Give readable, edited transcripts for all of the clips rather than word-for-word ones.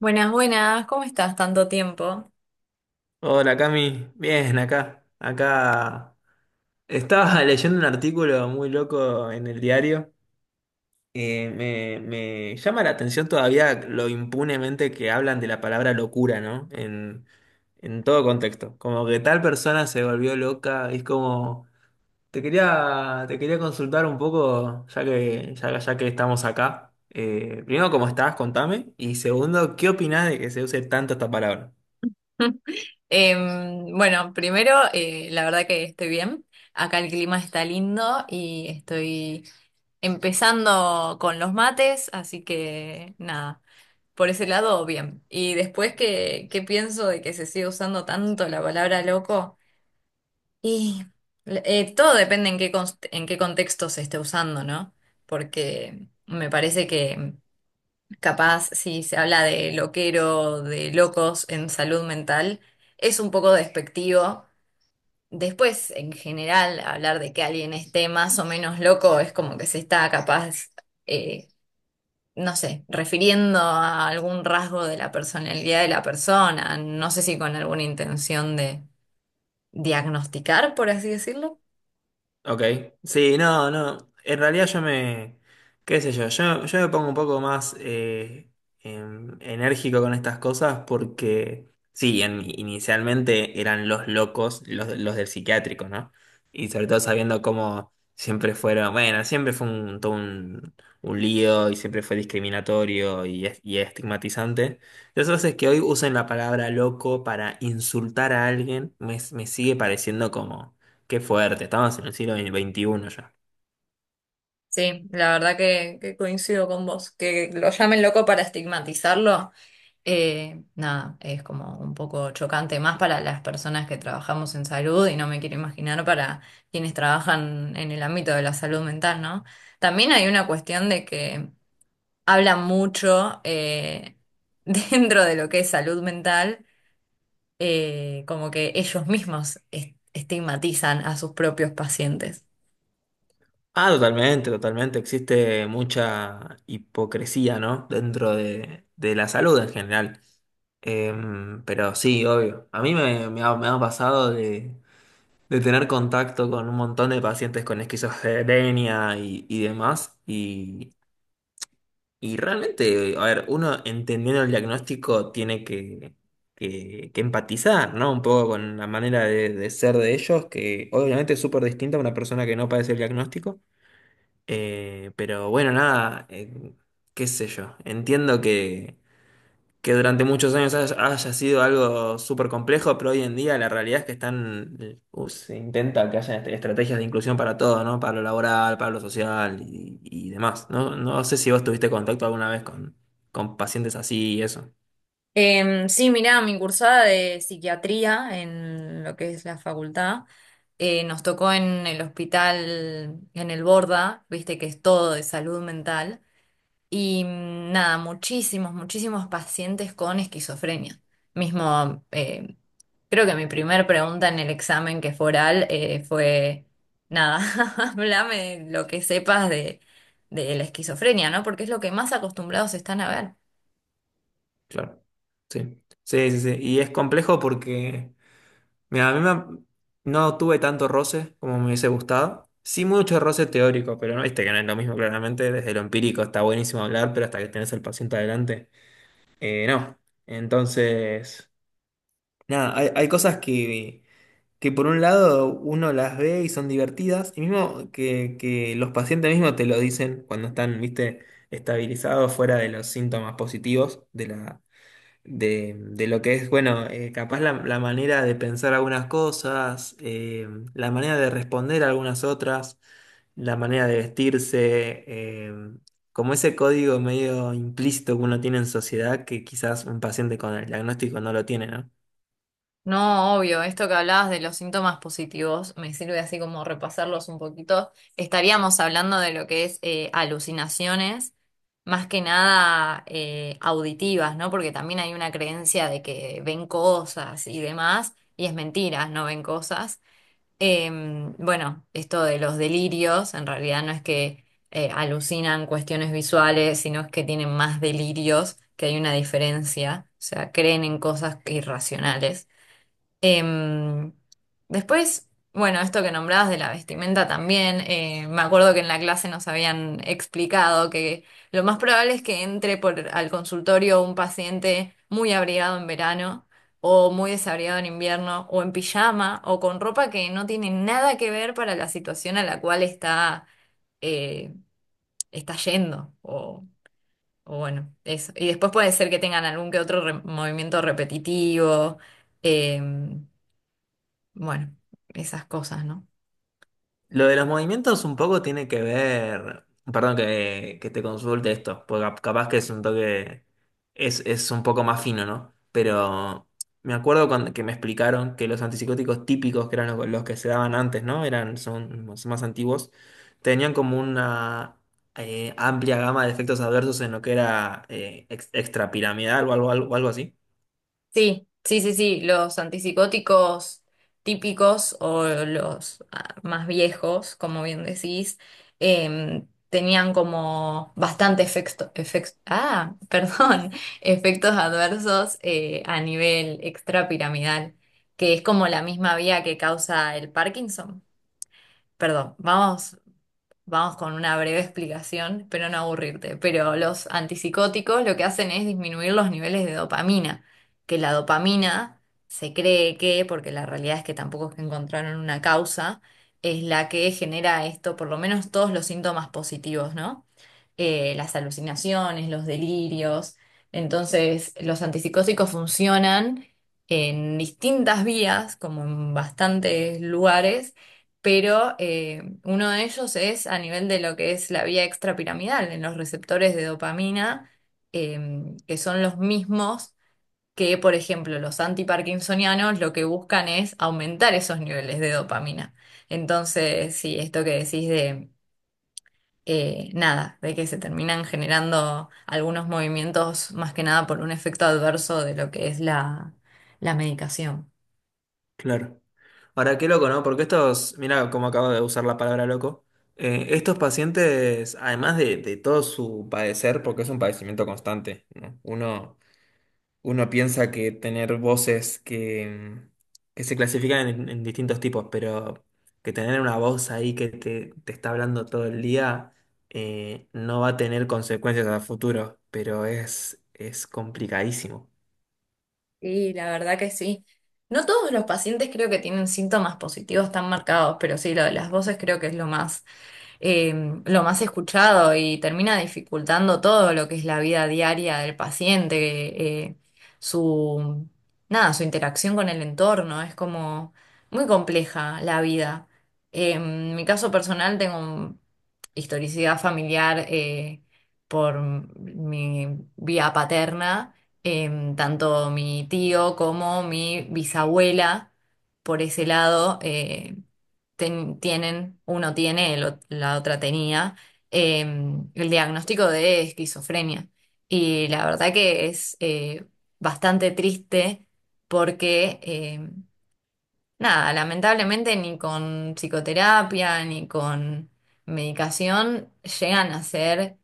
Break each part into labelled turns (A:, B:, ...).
A: Buenas, buenas, ¿cómo estás? Tanto tiempo.
B: Hola Cami, bien acá, estaba leyendo un artículo muy loco en el diario. Me llama la atención todavía lo impunemente que hablan de la palabra locura, ¿no? En todo contexto. Como que tal persona se volvió loca, es como, te quería consultar un poco, ya que estamos acá. Primero, ¿cómo estás? Contame. Y segundo, ¿qué opinás de que se use tanto esta palabra?
A: La verdad que estoy bien. Acá el clima está lindo y estoy empezando con los mates, así que nada, por ese lado, bien. Y después, ¿qué pienso de que se sigue usando tanto la palabra loco? Y Todo depende en en qué contexto se esté usando, ¿no? Porque me parece que capaz si se habla de loquero, de locos en salud mental, es un poco despectivo. Después, en general, hablar de que alguien esté más o menos loco es como que se está capaz, eh, no sé, refiriendo a algún rasgo de la personalidad de la persona, no sé si con alguna intención de diagnosticar, por así decirlo.
B: Ok, sí, no, no, en realidad yo me, qué sé yo, yo, yo, me pongo un poco más enérgico con estas cosas porque, sí, inicialmente eran los locos, los del psiquiátrico, ¿no? Y sobre todo sabiendo cómo siempre fueron, bueno, siempre fue un, todo un lío y siempre fue discriminatorio y, y estigmatizante. Entonces es que hoy usen la palabra loco para insultar a alguien, me sigue pareciendo como... Qué fuerte, estamos en el siglo XXI ya.
A: Sí, la verdad que coincido con vos. Que lo llamen loco para estigmatizarlo, nada, es como un poco chocante más para las personas que trabajamos en salud y no me quiero imaginar para quienes trabajan en el ámbito de la salud mental, ¿no? También hay una cuestión de que habla mucho dentro de lo que es salud mental, como que ellos mismos estigmatizan a sus propios pacientes.
B: Ah, totalmente, totalmente. Existe mucha hipocresía, ¿no? De la salud en general. Em, pero sí, obvio. A mí me, me ha pasado de tener contacto con un montón de pacientes con esquizofrenia y demás. Y realmente, a ver, uno entendiendo el diagnóstico tiene que empatizar, ¿no? Un poco con la manera de ser de ellos, que obviamente es súper distinta a una persona que no padece el diagnóstico. Pero bueno, nada, qué sé yo. Entiendo que durante muchos años haya sido algo súper complejo, pero hoy en día la realidad es que están, se intenta que haya estrategias de inclusión para todo, ¿no? Para lo laboral, para lo social y demás. No sé si vos tuviste contacto alguna vez con pacientes así y eso.
A: Em, sí, mirá, mi cursada de psiquiatría en lo que es la facultad, nos tocó en el hospital, en el Borda, viste que es todo de salud mental, y mm, nada, muchísimos, muchísimos pacientes con esquizofrenia. Mismo, creo que mi primer pregunta en el examen que fue oral fue, nada, háblame lo que sepas de la esquizofrenia, ¿no? Porque es lo que más acostumbrados están a ver.
B: Claro. Sí. Sí, sí, sí. Y es complejo porque, mira, no tuve tanto roce como me hubiese gustado. Sí, mucho roce teórico, pero no, viste que no es lo mismo, claramente. Desde lo empírico está buenísimo hablar, pero hasta que tenés al paciente adelante. Eh, no. Entonces, nada, hay cosas que por un lado uno las ve y son divertidas, y mismo que los pacientes mismos te lo dicen cuando están, viste, estabilizados fuera de los síntomas positivos de de lo que es, bueno, capaz la manera de pensar algunas cosas, la manera de responder a algunas otras, la manera de vestirse, como ese código medio implícito que uno tiene en sociedad que quizás un paciente con el diagnóstico no lo tiene, ¿no?
A: No, obvio, esto que hablabas de los síntomas positivos me sirve así como repasarlos un poquito. Estaríamos hablando de lo que es alucinaciones, más que nada auditivas, ¿no? Porque también hay una creencia de que ven cosas y demás, y es mentira, no ven cosas. Em, bueno, esto de los delirios, en realidad no es que alucinan cuestiones visuales, sino es que tienen más delirios, que hay una diferencia, o sea, creen en cosas irracionales. Em, Después, bueno, esto que nombrabas de la vestimenta también, me acuerdo que en la clase nos habían explicado que lo más probable es que entre por, al consultorio un paciente muy abrigado en verano o muy desabrigado en invierno o en pijama o con ropa que no tiene nada que ver para la situación a la cual está, eh, está yendo o bueno, eso. Y después puede ser que tengan algún que otro movimiento repetitivo. em, bueno, esas cosas, ¿no?
B: Lo de los movimientos un poco tiene que ver, perdón que te consulte esto, porque capaz que es un toque, es un poco más fino, ¿no? Pero me acuerdo que me explicaron que los antipsicóticos típicos, que eran los que se daban antes, ¿no? Son más antiguos, tenían como una amplia gama de efectos adversos en lo que era extrapiramidal o algo así.
A: Sí, sí, sí, sí, los antipsicóticos típicos o los más viejos, como bien decís, em, tenían como bastante efecto perdón, efectos adversos a nivel extrapiramidal, que es como la misma vía que causa el Parkinson. Perdón, vamos Vamos con una breve explicación, pero no aburrirte. Pero los antipsicóticos lo que hacen es disminuir los niveles de dopamina, que la dopamina se cree que, porque la realidad es que tampoco es que encontraron una causa, es la que genera esto, por lo menos todos los síntomas positivos, ¿no? Las alucinaciones, los delirios. Entonces, los antipsicóticos funcionan en distintas vías, como en bastantes lugares pero uno de ellos es a nivel de lo que es la vía extrapiramidal, en los receptores de dopamina, em, que son los mismos que, por ejemplo, los antiparkinsonianos lo que buscan es aumentar esos niveles de dopamina. Entonces, sí, esto que decís de nada, de que se terminan generando algunos movimientos más que nada por un efecto adverso de lo que es la medicación.
B: Claro. Ahora, qué loco, ¿no? Porque estos, mira cómo acabo de usar la palabra loco. Estos pacientes, además de todo su padecer, porque es un padecimiento constante, ¿no? Uno piensa que tener voces que se clasifican en distintos tipos, pero que tener una voz ahí que te está hablando todo el día, no va a tener consecuencias a futuro, pero es complicadísimo.
A: Sí, la verdad que sí. No todos los pacientes creo que tienen síntomas positivos tan marcados, pero sí, lo de las voces creo que es eh, lo más escuchado y termina dificultando todo lo que es la vida diaria del paciente, su, nada, su interacción con el entorno. Es como muy compleja la vida. En mi caso personal tengo historicidad familiar por mi vía paterna, em, tanto mi tío como mi bisabuela por ese lado. Tienen, uno tiene, la otra tenía, eh, el diagnóstico de esquizofrenia. Y la verdad que es bastante triste porque, nada, lamentablemente ni con psicoterapia ni con medicación llegan a ser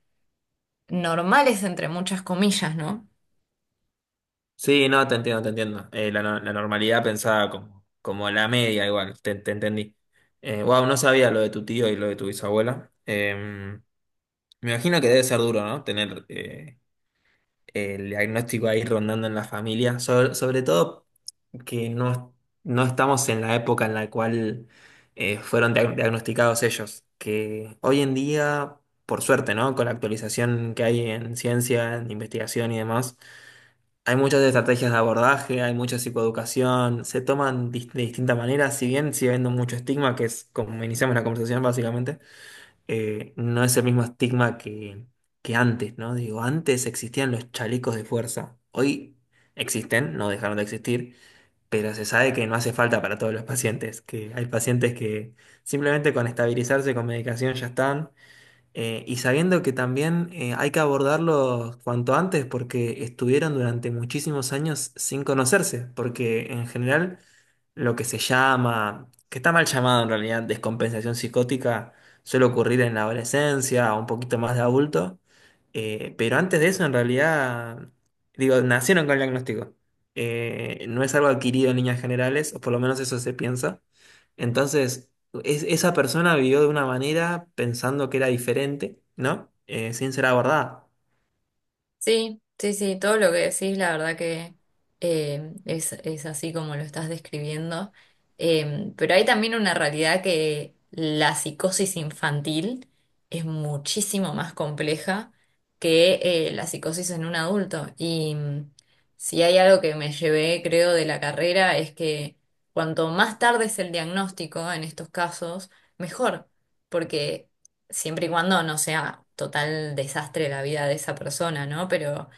A: normales entre muchas comillas, ¿no?
B: Sí, no, te entiendo, te entiendo. La, no- La normalidad pensada como, como la media, igual, te entendí. Wow, no sabía lo de tu tío y lo de tu bisabuela. Me imagino que debe ser duro, ¿no? Tener el diagnóstico ahí rondando en la familia. Sobre todo que no estamos en la época en la cual fueron diagnosticados ellos. Que hoy en día, por suerte, ¿no? Con la actualización que hay en ciencia, en investigación y demás. Hay muchas estrategias de abordaje, hay mucha psicoeducación, se toman de distintas maneras, si bien sigue habiendo mucho estigma, que es como iniciamos la conversación básicamente, no es el mismo estigma que antes, ¿no? Digo, antes existían los chalecos de fuerza, hoy existen, no dejaron de existir, pero se sabe que no hace falta para todos los pacientes, que hay pacientes que simplemente con estabilizarse con medicación ya están, y sabiendo que también hay que abordarlos cuanto antes porque estuvieron durante muchísimos años sin conocerse, porque en general lo que se llama, que está mal llamado en realidad, descompensación psicótica, suele ocurrir en la adolescencia o un poquito más de adulto, pero antes de eso en realidad, digo, nacieron con el diagnóstico. No es algo adquirido en líneas generales, o por lo menos eso se piensa. Entonces, esa persona vivió de una manera pensando que era diferente, ¿no? Sin ser abordada.
A: Sí, sí, sí, todo lo que decís, la verdad que es así como lo estás describiendo. Pero hay también una realidad que la psicosis infantil es muchísimo más compleja que la psicosis en un adulto. Y mm, si hay algo que me llevé, creo, de la carrera es que cuanto más tarde es el diagnóstico en estos casos, mejor. Porque siempre y cuando no sea total desastre la vida de esa persona, ¿no? Pero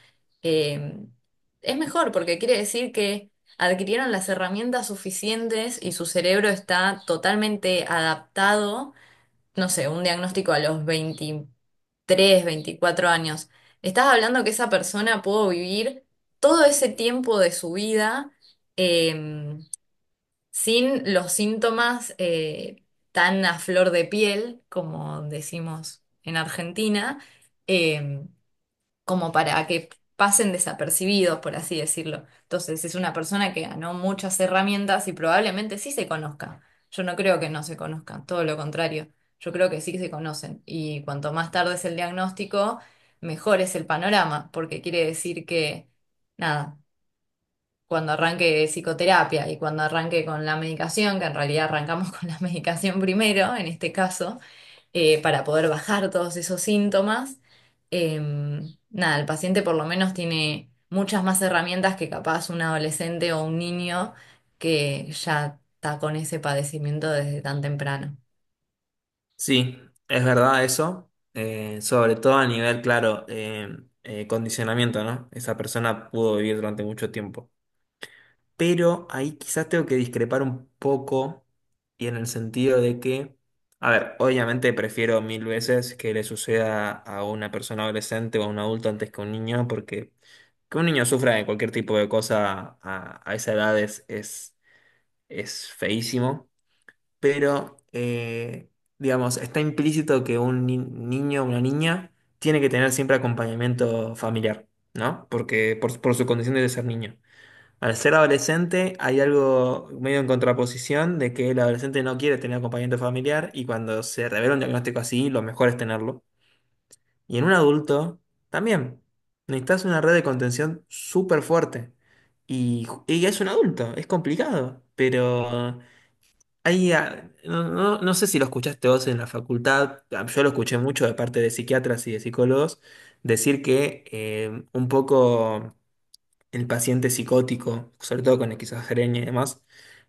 A: eh, es mejor porque quiere decir que adquirieron las herramientas suficientes y su cerebro está totalmente adaptado, no sé, un diagnóstico a los 23 24 años. Estás hablando que esa persona pudo vivir todo ese tiempo de su vida. eh, Sin los síntomas tan a flor de piel, como decimos en Argentina, eh, como para que pasen desapercibidos, por así decirlo. Entonces, es una persona que ganó muchas herramientas y probablemente sí se conozca. Yo no creo que no se conozcan, todo lo contrario. Yo creo que sí se conocen. Y cuanto más tarde es el diagnóstico, mejor es el panorama, porque quiere decir que nada, cuando arranque psicoterapia y cuando arranque con la medicación, que en realidad arrancamos con la medicación primero, en este caso, para poder bajar todos esos síntomas, eh, nada, el paciente por lo menos tiene muchas más herramientas que capaz un adolescente o un niño que ya está con ese padecimiento desde tan temprano.
B: Sí, es verdad eso, sobre todo a nivel, claro, condicionamiento, ¿no? Esa persona pudo vivir durante mucho tiempo. Pero ahí quizás tengo que discrepar un poco y en el sentido de que, a ver, obviamente prefiero mil veces que le suceda a una persona adolescente o a un adulto antes que a un niño porque que un niño sufra de cualquier tipo de cosa a esa edad es feísimo, pero digamos, está implícito que un niño o una niña tiene que tener siempre acompañamiento familiar, ¿no? Porque por su condición de ser niño. Al ser adolescente hay algo medio en contraposición de que el adolescente no quiere tener acompañamiento familiar y cuando se revela un diagnóstico así, lo mejor es tenerlo. Y en un adulto, también. Necesitas una red de contención súper fuerte. Y, y es un adulto, es complicado. Pero hay, ah, no sé si lo escuchaste vos en la facultad, ah, yo lo escuché mucho de parte de psiquiatras y de psicólogos, decir que un poco el paciente psicótico, sobre todo con esquizofrenia y demás,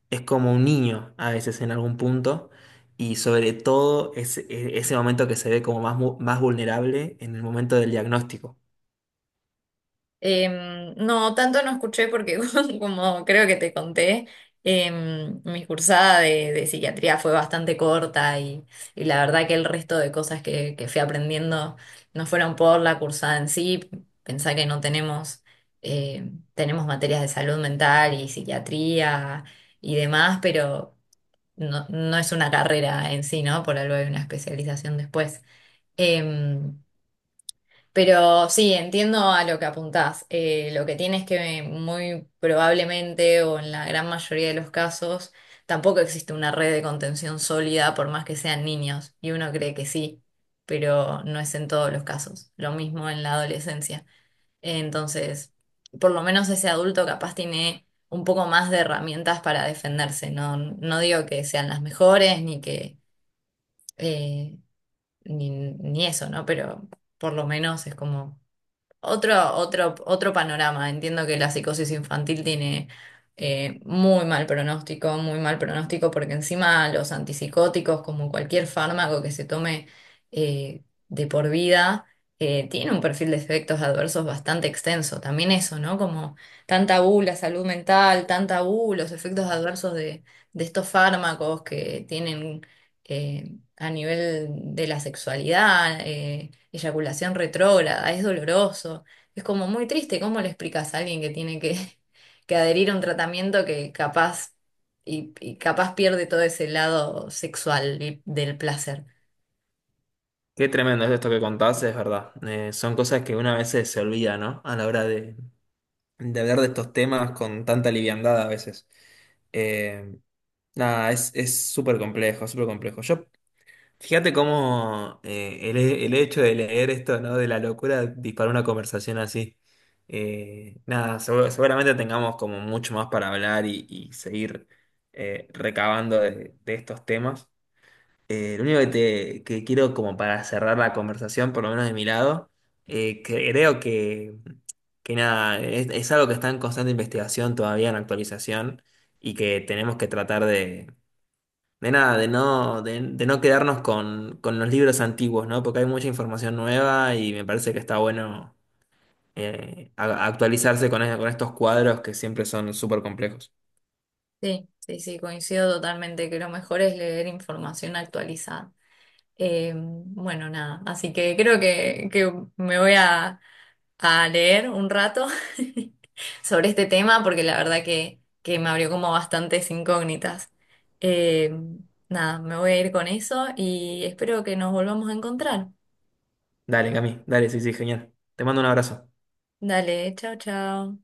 B: es como un niño a veces en algún punto, y sobre todo ese momento que se ve como más vulnerable en el momento del diagnóstico.
A: Em, no, tanto no escuché porque como creo que te conté, em, mi cursada de psiquiatría fue bastante corta y la verdad que el resto de cosas que fui aprendiendo no fueron por la cursada en sí. Pensá que no tenemos, tenemos materias de salud mental y psiquiatría y demás, pero no, no es una carrera en sí, ¿no? Por algo hay una especialización después. Em, pero sí, entiendo a lo que apuntás. Lo que tienes que muy probablemente o en la gran mayoría de los casos tampoco existe una red de contención sólida por más que sean niños. Y uno cree que sí, pero no es en todos los casos. Lo mismo en la adolescencia. Entonces, por lo menos ese adulto capaz tiene un poco más de herramientas para defenderse. No, no digo que sean las mejores ni que eh, ni eso, ¿no? Pero por lo menos es como otro panorama. Entiendo que la psicosis infantil tiene muy mal pronóstico, porque encima los antipsicóticos, como cualquier fármaco que se tome eh, de por vida, tiene un perfil de efectos adversos bastante extenso. También eso, ¿no? Como tan tabú la salud mental, tan tabú los efectos adversos de estos fármacos que tienen. eh, a nivel de la sexualidad, eyaculación retrógrada, es doloroso, es como muy triste. ¿Cómo le explicas a alguien que tiene que, que adherir a un tratamiento que capaz y capaz pierde todo ese lado sexual y del placer?
B: Qué tremendo es esto que contás, es verdad. Son cosas que una vez se olvida, ¿no? A la hora de hablar de estos temas con tanta liviandad a veces. Eh, nada, es súper complejo, súper complejo. Yo fíjate cómo el hecho de leer esto, ¿no? De la locura disparó una conversación así. Nada, seguramente tengamos como mucho más para hablar y seguir recabando de estos temas. Lo único que, te, que quiero como para cerrar la conversación, por lo menos de mi lado, creo que nada, es algo que está en constante investigación, todavía en actualización, y que tenemos que tratar de nada, de no quedarnos con los libros antiguos, ¿no? Porque hay mucha información nueva y me parece que está bueno actualizarse con, con estos cuadros que siempre son súper complejos.
A: Sí, sí, sí, coincido totalmente que lo mejor es leer información actualizada. Bueno, nada, así que creo que me voy a leer un rato sobre este tema porque la verdad que me abrió como bastantes incógnitas. Eh, nada, me voy a ir con eso y espero que nos volvamos a encontrar.
B: Dale, Cami, dale, sí, sí, genial. Te mando un abrazo.
A: Dale, chao, chao.